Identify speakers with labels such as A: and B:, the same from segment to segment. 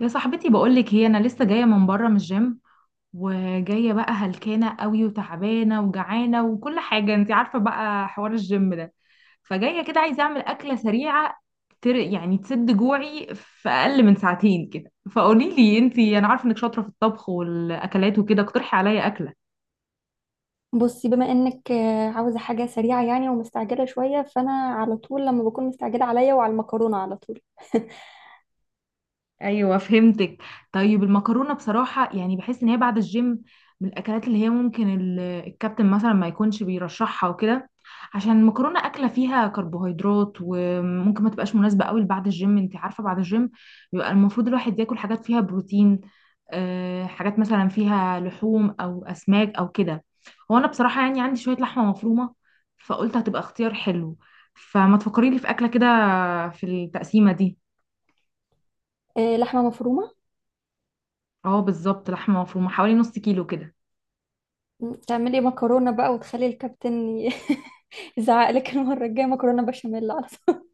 A: يا صاحبتي بقولك هي انا لسه جايه من بره من الجيم، وجايه بقى هلكانه قوي وتعبانه وجعانه وكل حاجه انت عارفه بقى حوار الجيم ده. فجايه كده عايزه اعمل اكله سريعه يعني تسد جوعي في اقل من ساعتين كده. فقولي لي انت، انا عارفه انك شاطره في الطبخ والاكلات وكده، اقترحي عليا اكله.
B: بصي بما انك عاوزه حاجه سريعه يعني ومستعجله شويه، فانا على طول لما بكون مستعجله عليا وعلى المكرونه على طول.
A: ايوه، فهمتك. طيب المكرونه بصراحه يعني بحس ان هي بعد الجيم من الاكلات اللي هي ممكن الكابتن مثلا ما يكونش بيرشحها وكده، عشان المكرونه اكله فيها كربوهيدرات وممكن ما تبقاش مناسبه قوي بعد الجيم. انت عارفه بعد الجيم بيبقى المفروض الواحد ياكل حاجات فيها بروتين. حاجات مثلا فيها لحوم او اسماك او كده. هو انا بصراحه يعني عندي شويه لحمه مفرومه، فقلت هتبقى اختيار حلو، فما تفكري لي في اكله كده في التقسيمه دي.
B: لحمه مفرومه؟
A: اه بالظبط، لحمه مفرومه حوالي نص كيلو كده.
B: تعملي مكرونه بقى وتخلي الكابتن يزعق لك المره الجايه. مكرونه بشاميل على طول.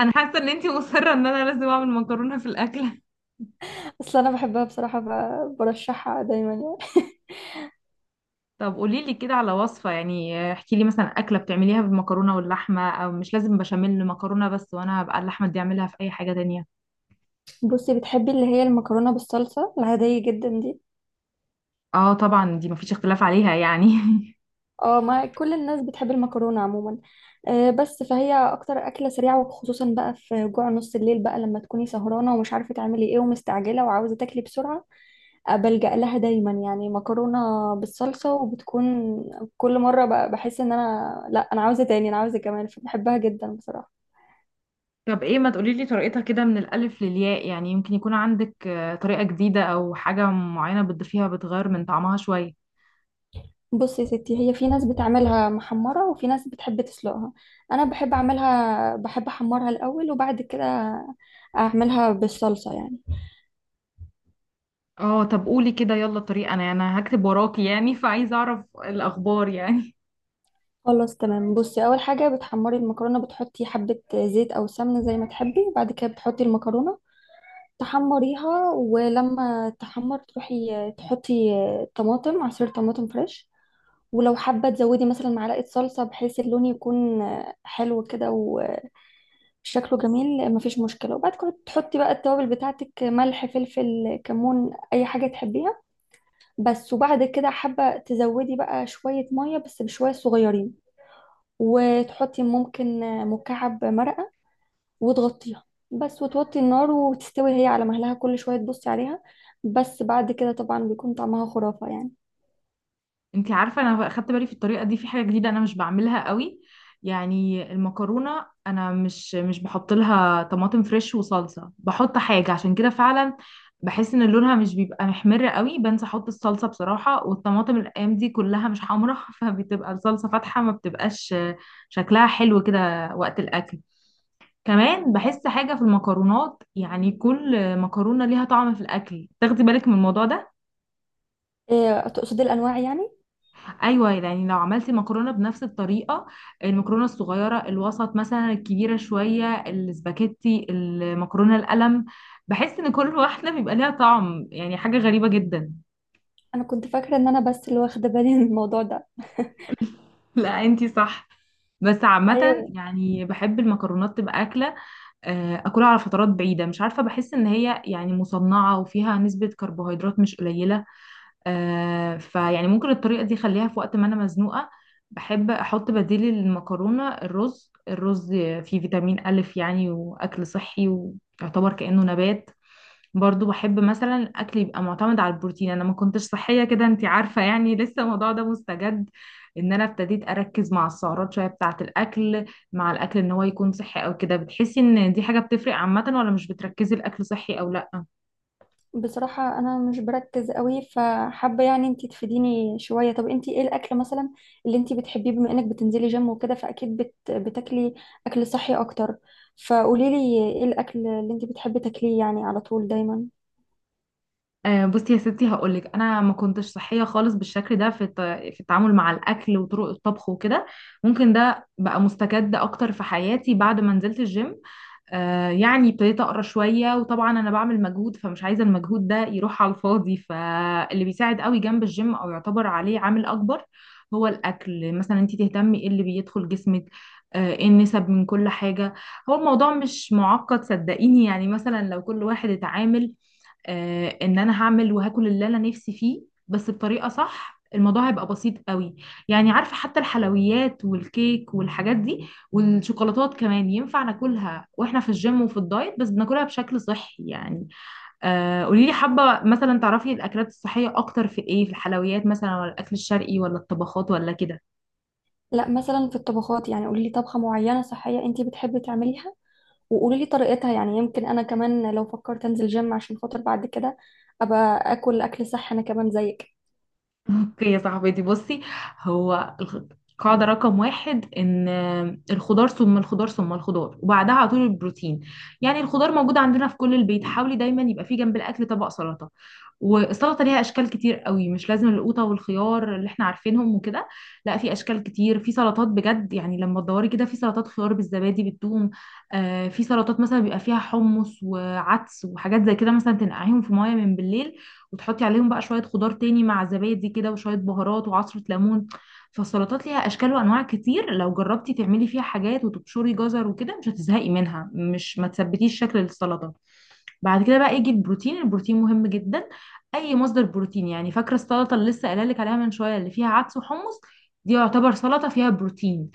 A: انا حاسه ان انتي مصره ان انا لازم اعمل مكرونه في الاكله.
B: اصل انا بحبها بصراحه، برشحها دايما يعني.
A: طب قولي لي كده على وصفه، يعني احكي لي مثلا اكله بتعمليها بالمكرونه واللحمه، او مش لازم بشاميل مكرونه بس، وانا هبقى اللحمه دي اعملها في اي حاجه تانية.
B: بصي، بتحبي اللي هي المكرونه بالصلصه العاديه جدا دي.
A: اه طبعا دي مفيش اختلاف عليها يعني.
B: اه، ما كل الناس بتحب المكرونة عموما. بس فهي اكتر اكلة سريعة، وخصوصا بقى في جوع نص الليل بقى لما تكوني سهرانة ومش عارفة تعملي ايه ومستعجلة وعاوزة تاكلي بسرعة. بلجأ لها دايما يعني. مكرونة بالصلصة. وبتكون كل مرة بقى بحس ان انا لا، انا عاوزة تاني، انا عاوزة كمان، فبحبها جدا بصراحة.
A: طب ايه، ما تقولي لي طريقتها كده من الالف للياء، يعني يمكن يكون عندك طريقه جديده او حاجه معينه بتضيفيها بتغير من طعمها شويه.
B: بصي يا ستي، هي في ناس بتعملها محمرة وفي ناس بتحب تسلقها. انا بحب اعملها، بحب احمرها الاول وبعد كده اعملها بالصلصة يعني.
A: اه طب قولي كده يلا الطريقه، انا هكتب وراكي يعني، فعايزه اعرف الاخبار يعني.
B: خلاص تمام، بصي، اول حاجه بتحمري المكرونه، بتحطي حبه زيت او سمنه زي ما تحبي، بعد كده بتحطي المكرونه تحمريها، ولما تحمر تروحي تحطي طماطم، عصير طماطم فريش. ولو حابه تزودي مثلا معلقه صلصه بحيث اللون يكون حلو كده وشكله جميل، مفيش مشكله. وبعد كده تحطي بقى التوابل بتاعتك، ملح فلفل كمون اي حاجه تحبيها. بس. وبعد كده حابه تزودي بقى شويه ميه، بس بشويه صغيرين، وتحطي ممكن مكعب مرقة وتغطيها. بس وتوطي النار وتستوي هي على مهلها، كل شوية تبصي عليها. بس بعد كده طبعا بيكون طعمها خرافة يعني.
A: انت عارفه انا اخدت بالي في الطريقه دي في حاجه جديده انا مش بعملها قوي. يعني المكرونه انا مش بحط لها طماطم فريش وصلصه، بحط حاجه. عشان كده فعلا بحس ان لونها مش بيبقى محمر قوي، بنسى احط الصلصه بصراحه، والطماطم الايام دي كلها مش حمراء. فبتبقى الصلصه فاتحه ما بتبقاش شكلها حلو كده وقت الاكل. كمان بحس حاجه في المكرونات، يعني كل مكرونه ليها طعم في الاكل. تاخدي بالك من الموضوع ده؟
B: إيه، تقصدي الأنواع يعني؟
A: ايوه، يعني لو عملتي مكرونه بنفس الطريقه، المكرونه الصغيره، الوسط مثلا، الكبيره شويه، السباكيتي، المكرونه القلم، بحس ان كل واحده بيبقى ليها طعم، يعني حاجه غريبه جدا.
B: أنا كنت فاكرة إن أنا بس اللي واخدة بالي من الموضوع ده.
A: لا انتي صح. بس عامه
B: أيوه.
A: يعني بحب المكرونات تبقى اكله اكلها على فترات بعيده. مش عارفه، بحس ان هي يعني مصنعه وفيها نسبه كربوهيدرات مش قليله. آه، فيعني ممكن الطريقة دي خليها في وقت ما أنا مزنوقة. بحب أحط بديل المكرونة الرز. الرز فيه فيتامين ألف يعني، وأكل صحي، ويعتبر كأنه نبات. برضو بحب مثلا الأكل يبقى معتمد على البروتين. أنا ما كنتش صحية كده، أنتي عارفة يعني. لسه الموضوع ده مستجد، إن أنا ابتديت أركز مع السعرات شوية بتاعة الأكل. مع الأكل إن هو يكون صحي أو كده، بتحسي إن دي حاجة بتفرق عامة، ولا مش بتركزي الأكل صحي أو لأ؟
B: بصراحة أنا مش بركز قوي، فحابة يعني أنتي تفيديني شوية. طب أنتي إيه الأكل مثلا اللي أنتي بتحبيه، بما إنك بتنزلي جيم وكده فأكيد بتاكلي أكل صحي أكتر. فقوليلي إيه الأكل اللي أنتي بتحبي تاكليه يعني على طول دايما.
A: بصي يا ستي هقولك، انا ما كنتش صحيه خالص بالشكل ده في في التعامل مع الاكل وطرق الطبخ وكده. ممكن ده بقى مستجد اكتر في حياتي بعد ما نزلت الجيم. يعني ابتديت اقرا شويه، وطبعا انا بعمل مجهود فمش عايزه المجهود ده يروح على الفاضي. فاللي بيساعد قوي جنب الجيم او يعتبر عليه عامل اكبر هو الاكل. مثلا انت تهتمي ايه اللي بيدخل جسمك، ايه النسب من كل حاجه. هو الموضوع مش معقد صدقيني، يعني مثلا لو كل واحد اتعامل ان انا هعمل وهاكل اللي انا نفسي فيه بس بطريقه صح، الموضوع هيبقى بسيط قوي. يعني عارفه حتى الحلويات والكيك والحاجات دي والشوكولاتات كمان ينفع ناكلها واحنا في الجيم وفي الدايت، بس بناكلها بشكل صحي يعني. آه، قولي لي حابه مثلا تعرفي الاكلات الصحيه اكتر في ايه؟ في الحلويات مثلا، ولا الاكل الشرقي، ولا الطبخات، ولا كده؟
B: لا، مثلا في الطبخات، يعني قولي لي طبخة معينة صحية انتي بتحبي تعمليها، وقولي لي طريقتها، يعني يمكن انا كمان لو فكرت انزل جيم عشان خاطر بعد كده ابقى اكل اكل صح انا كمان زيك.
A: اوكي يا صاحبتي بصي. هو الخ- قاعدة رقم واحد ان الخضار ثم الخضار ثم الخضار، وبعدها على طول البروتين. يعني الخضار موجود عندنا في كل البيت، حاولي دايما يبقى في جنب الاكل طبق سلطة. والسلطة ليها اشكال كتير قوي، مش لازم القوطة والخيار اللي احنا عارفينهم وكده. لا، في اشكال كتير في سلطات بجد، يعني لما تدوري كده، في سلطات خيار بالزبادي بالثوم. آه، في سلطات مثلا بيبقى فيها حمص وعدس وحاجات زي كده، مثلا تنقعيهم في مية من بالليل، وتحطي عليهم بقى شوية خضار تاني مع زبادي كده وشوية بهارات وعصرة ليمون. فالسلطات ليها أشكال وأنواع كتير، لو جربتي تعملي فيها حاجات وتبشري جزر وكده مش هتزهقي منها. مش ما تثبتيش شكل السلطة. بعد كده بقى يجي البروتين. البروتين مهم جدا، أي مصدر بروتين يعني. فاكرة السلطة اللي لسه قايلة لك عليها من شوية، اللي فيها عدس وحمص؟ دي يعتبر سلطة فيها بروتين.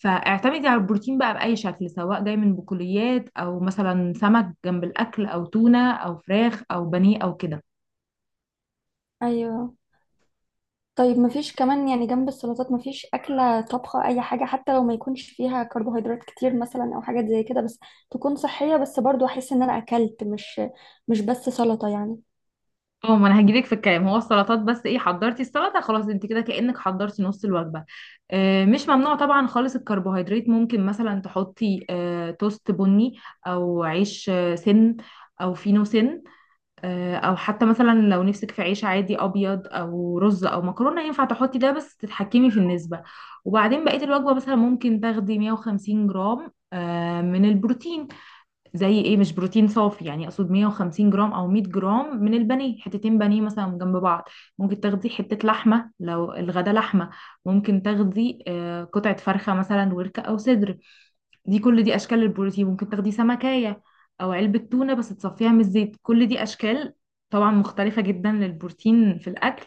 A: فاعتمدي على البروتين بقى بأي شكل، سواء جاي من بقوليات، أو مثلا سمك جنب الأكل، أو تونة، أو فراخ، أو بانيه، أو كده.
B: ايوه. طيب مفيش كمان يعني جنب السلطات مفيش أكلة، طبخة، أي حاجة حتى لو ما يكونش فيها كربوهيدرات كتير مثلا أو حاجات زي كده، بس تكون صحية، بس برضو أحس إن أنا أكلت، مش بس سلطة يعني.
A: اه ما انا هجيلك في الكلام. هو السلطات بس ايه؟ حضرتي السلطه خلاص انت كده كانك حضرتي نص الوجبه. آه، مش ممنوع طبعا خالص الكربوهيدرات، ممكن مثلا تحطي توست بني، او عيش سن، او فينو سن، او حتى مثلا لو نفسك في عيش عادي ابيض او رز او مكرونه، ينفع تحطي ده بس تتحكمي في النسبه. وبعدين بقيه الوجبه مثلا ممكن تاخدي 150 جرام من البروتين. زي ايه؟ مش بروتين صافي يعني، اقصد 150 جرام او 100 جرام من البانيه، حتتين بانيه مثلا جنب بعض. ممكن تاخدي حتة لحمة لو الغدا لحمة، ممكن تاخدي قطعة فرخة مثلا وركة او صدر. دي كل دي اشكال البروتين. ممكن تاخدي سمكية او علبة تونة بس تصفيها من الزيت، كل دي اشكال طبعا مختلفة جدا للبروتين في الاكل.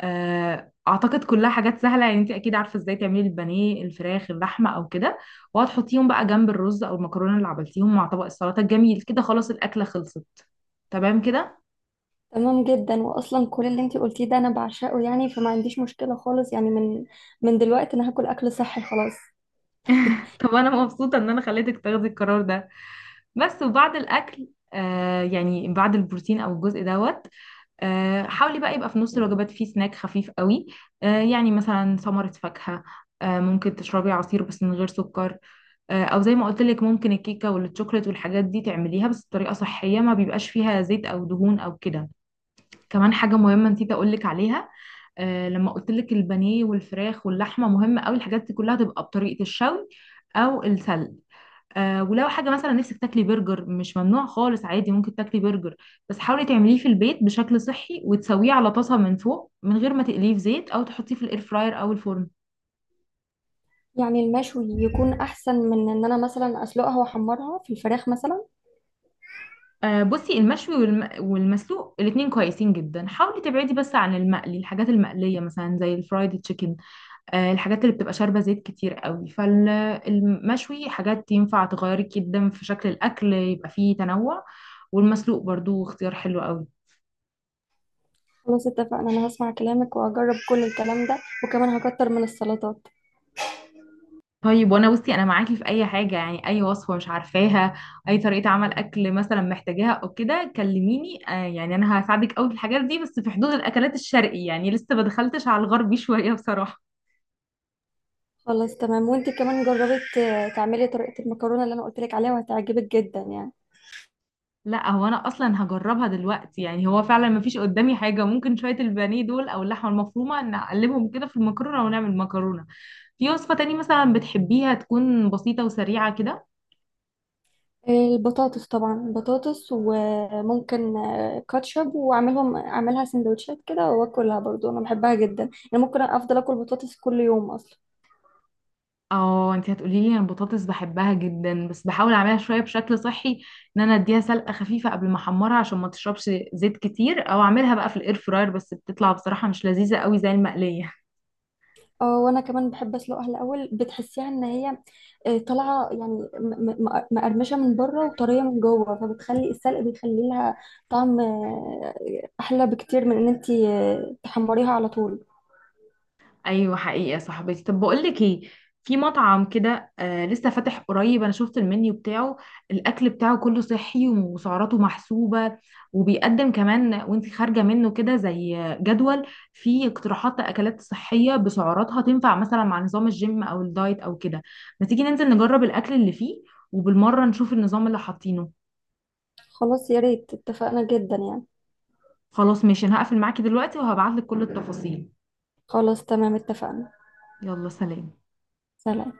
A: اعتقد كلها حاجات سهله، يعني انت اكيد عارفه ازاي تعملي البانيه الفراخ اللحمه او كده، وهتحطيهم بقى جنب الرز او المكرونه اللي عملتيهم مع طبق السلطه الجميل كده. خلاص الاكله خلصت، تمام كده.
B: تمام جدا، واصلا كل اللي انتي قلتيه ده انا بعشقه يعني، فما عنديش مشكله خالص يعني. من دلوقتي انا هاكل اكل صحي خلاص.
A: طب انا مبسوطه ان انا خليتك تاخدي القرار ده. بس وبعد الاكل، يعني بعد البروتين او الجزء دوت، حاولي بقى يبقى في نص الوجبات فيه سناك خفيف قوي. يعني مثلا ثمره فاكهه، ممكن تشربي عصير بس من غير سكر، او زي ما قلت لك ممكن الكيكه والشوكليت والحاجات دي تعمليها بس بطريقه صحيه ما بيبقاش فيها زيت او دهون او كده. كمان حاجه مهمه نسيت اقول لك عليها. لما قلت لك البانيه والفراخ واللحمه، مهمه قوي الحاجات دي كلها تبقى بطريقه الشوي او السلق. ولو حاجه مثلا نفسك تاكلي برجر، مش ممنوع خالص، عادي ممكن تاكلي برجر، بس حاولي تعمليه في البيت بشكل صحي، وتسويه على طاسه من فوق من غير ما تقليه في زيت، او تحطيه في الاير فراير او الفرن.
B: يعني المشوي يكون احسن من ان انا مثلا اسلقها واحمرها في الفراخ مثلا؟
A: بصي المشوي والمسلوق الاتنين كويسين جدا. حاولي تبعدي بس عن المقلي، الحاجات المقلية مثلا زي الفرايد تشيكن، الحاجات اللي بتبقى شاربة زيت كتير قوي. فالمشوي حاجات ينفع تغيري جدا في شكل الأكل يبقى فيه تنوع، والمسلوق برضو اختيار حلو قوي.
B: خلاص اتفقنا، انا هسمع كلامك وهجرب كل الكلام ده، وكمان هكتر من السلطات.
A: طيب وانا بصي انا معاكي في اي حاجة يعني، اي وصفة مش عارفاها، اي طريقة عمل اكل مثلا محتاجاها او كده، كلميني. يعني انا هساعدك قوي في الحاجات دي، بس في حدود الاكلات الشرقي يعني، لسه ما دخلتش على الغربي شوية بصراحة.
B: خلاص تمام. وانتي كمان جربت تعملي طريقه المكرونه اللي انا قلت لك عليها، وهتعجبك جدا يعني.
A: لا هو انا اصلا هجربها دلوقتي يعني. هو فعلا ما فيش قدامي حاجه، ممكن شويه البانيه دول او اللحمه المفرومه نقلبهم كده في المكرونه ونعمل مكرونه. في وصفه تاني مثلا بتحبيها تكون بسيطه وسريعه كده؟
B: البطاطس، طبعا بطاطس، وممكن كاتشب، واعملهم اعملها سندوتشات كده واكلها، برضو انا بحبها جدا، انا ممكن افضل اكل بطاطس كل يوم اصلا.
A: اه انت هتقولي لي، انا البطاطس بحبها جدا بس بحاول اعملها شويه بشكل صحي، ان انا اديها سلقه خفيفه قبل ما احمرها عشان ما تشربش زيت كتير، او اعملها بقى في الاير فراير بس بتطلع بصراحه مش لذيذه قوي زي المقليه.
B: اه وانا كمان بحب اسلقها الاول، بتحسيها ان هي طالعه يعني مقرمشه من بره وطريه من جوه، فبتخلي السلق بيخلي لها طعم احلى بكتير من ان انتي تحمريها على طول.
A: ايوه حقيقه صاحبتي. طب بقول لك ايه، في مطعم كده آه لسه فاتح قريب، انا شفت المنيو بتاعه، الاكل بتاعه كله صحي وسعراته محسوبه. وبيقدم كمان وانت خارجه منه كده زي جدول فيه اقتراحات اكلات صحيه بسعراتها تنفع مثلا مع نظام الجيم او الدايت او كده. ما تيجي ننزل نجرب الاكل اللي فيه، وبالمره نشوف النظام اللي حاطينه.
B: خلاص يا ريت، اتفقنا جدا يعني.
A: خلاص ماشي، انا هقفل معاكي دلوقتي وهبعت لك كل التفاصيل.
B: خلاص تمام اتفقنا.
A: يلا سلام.
B: سلام.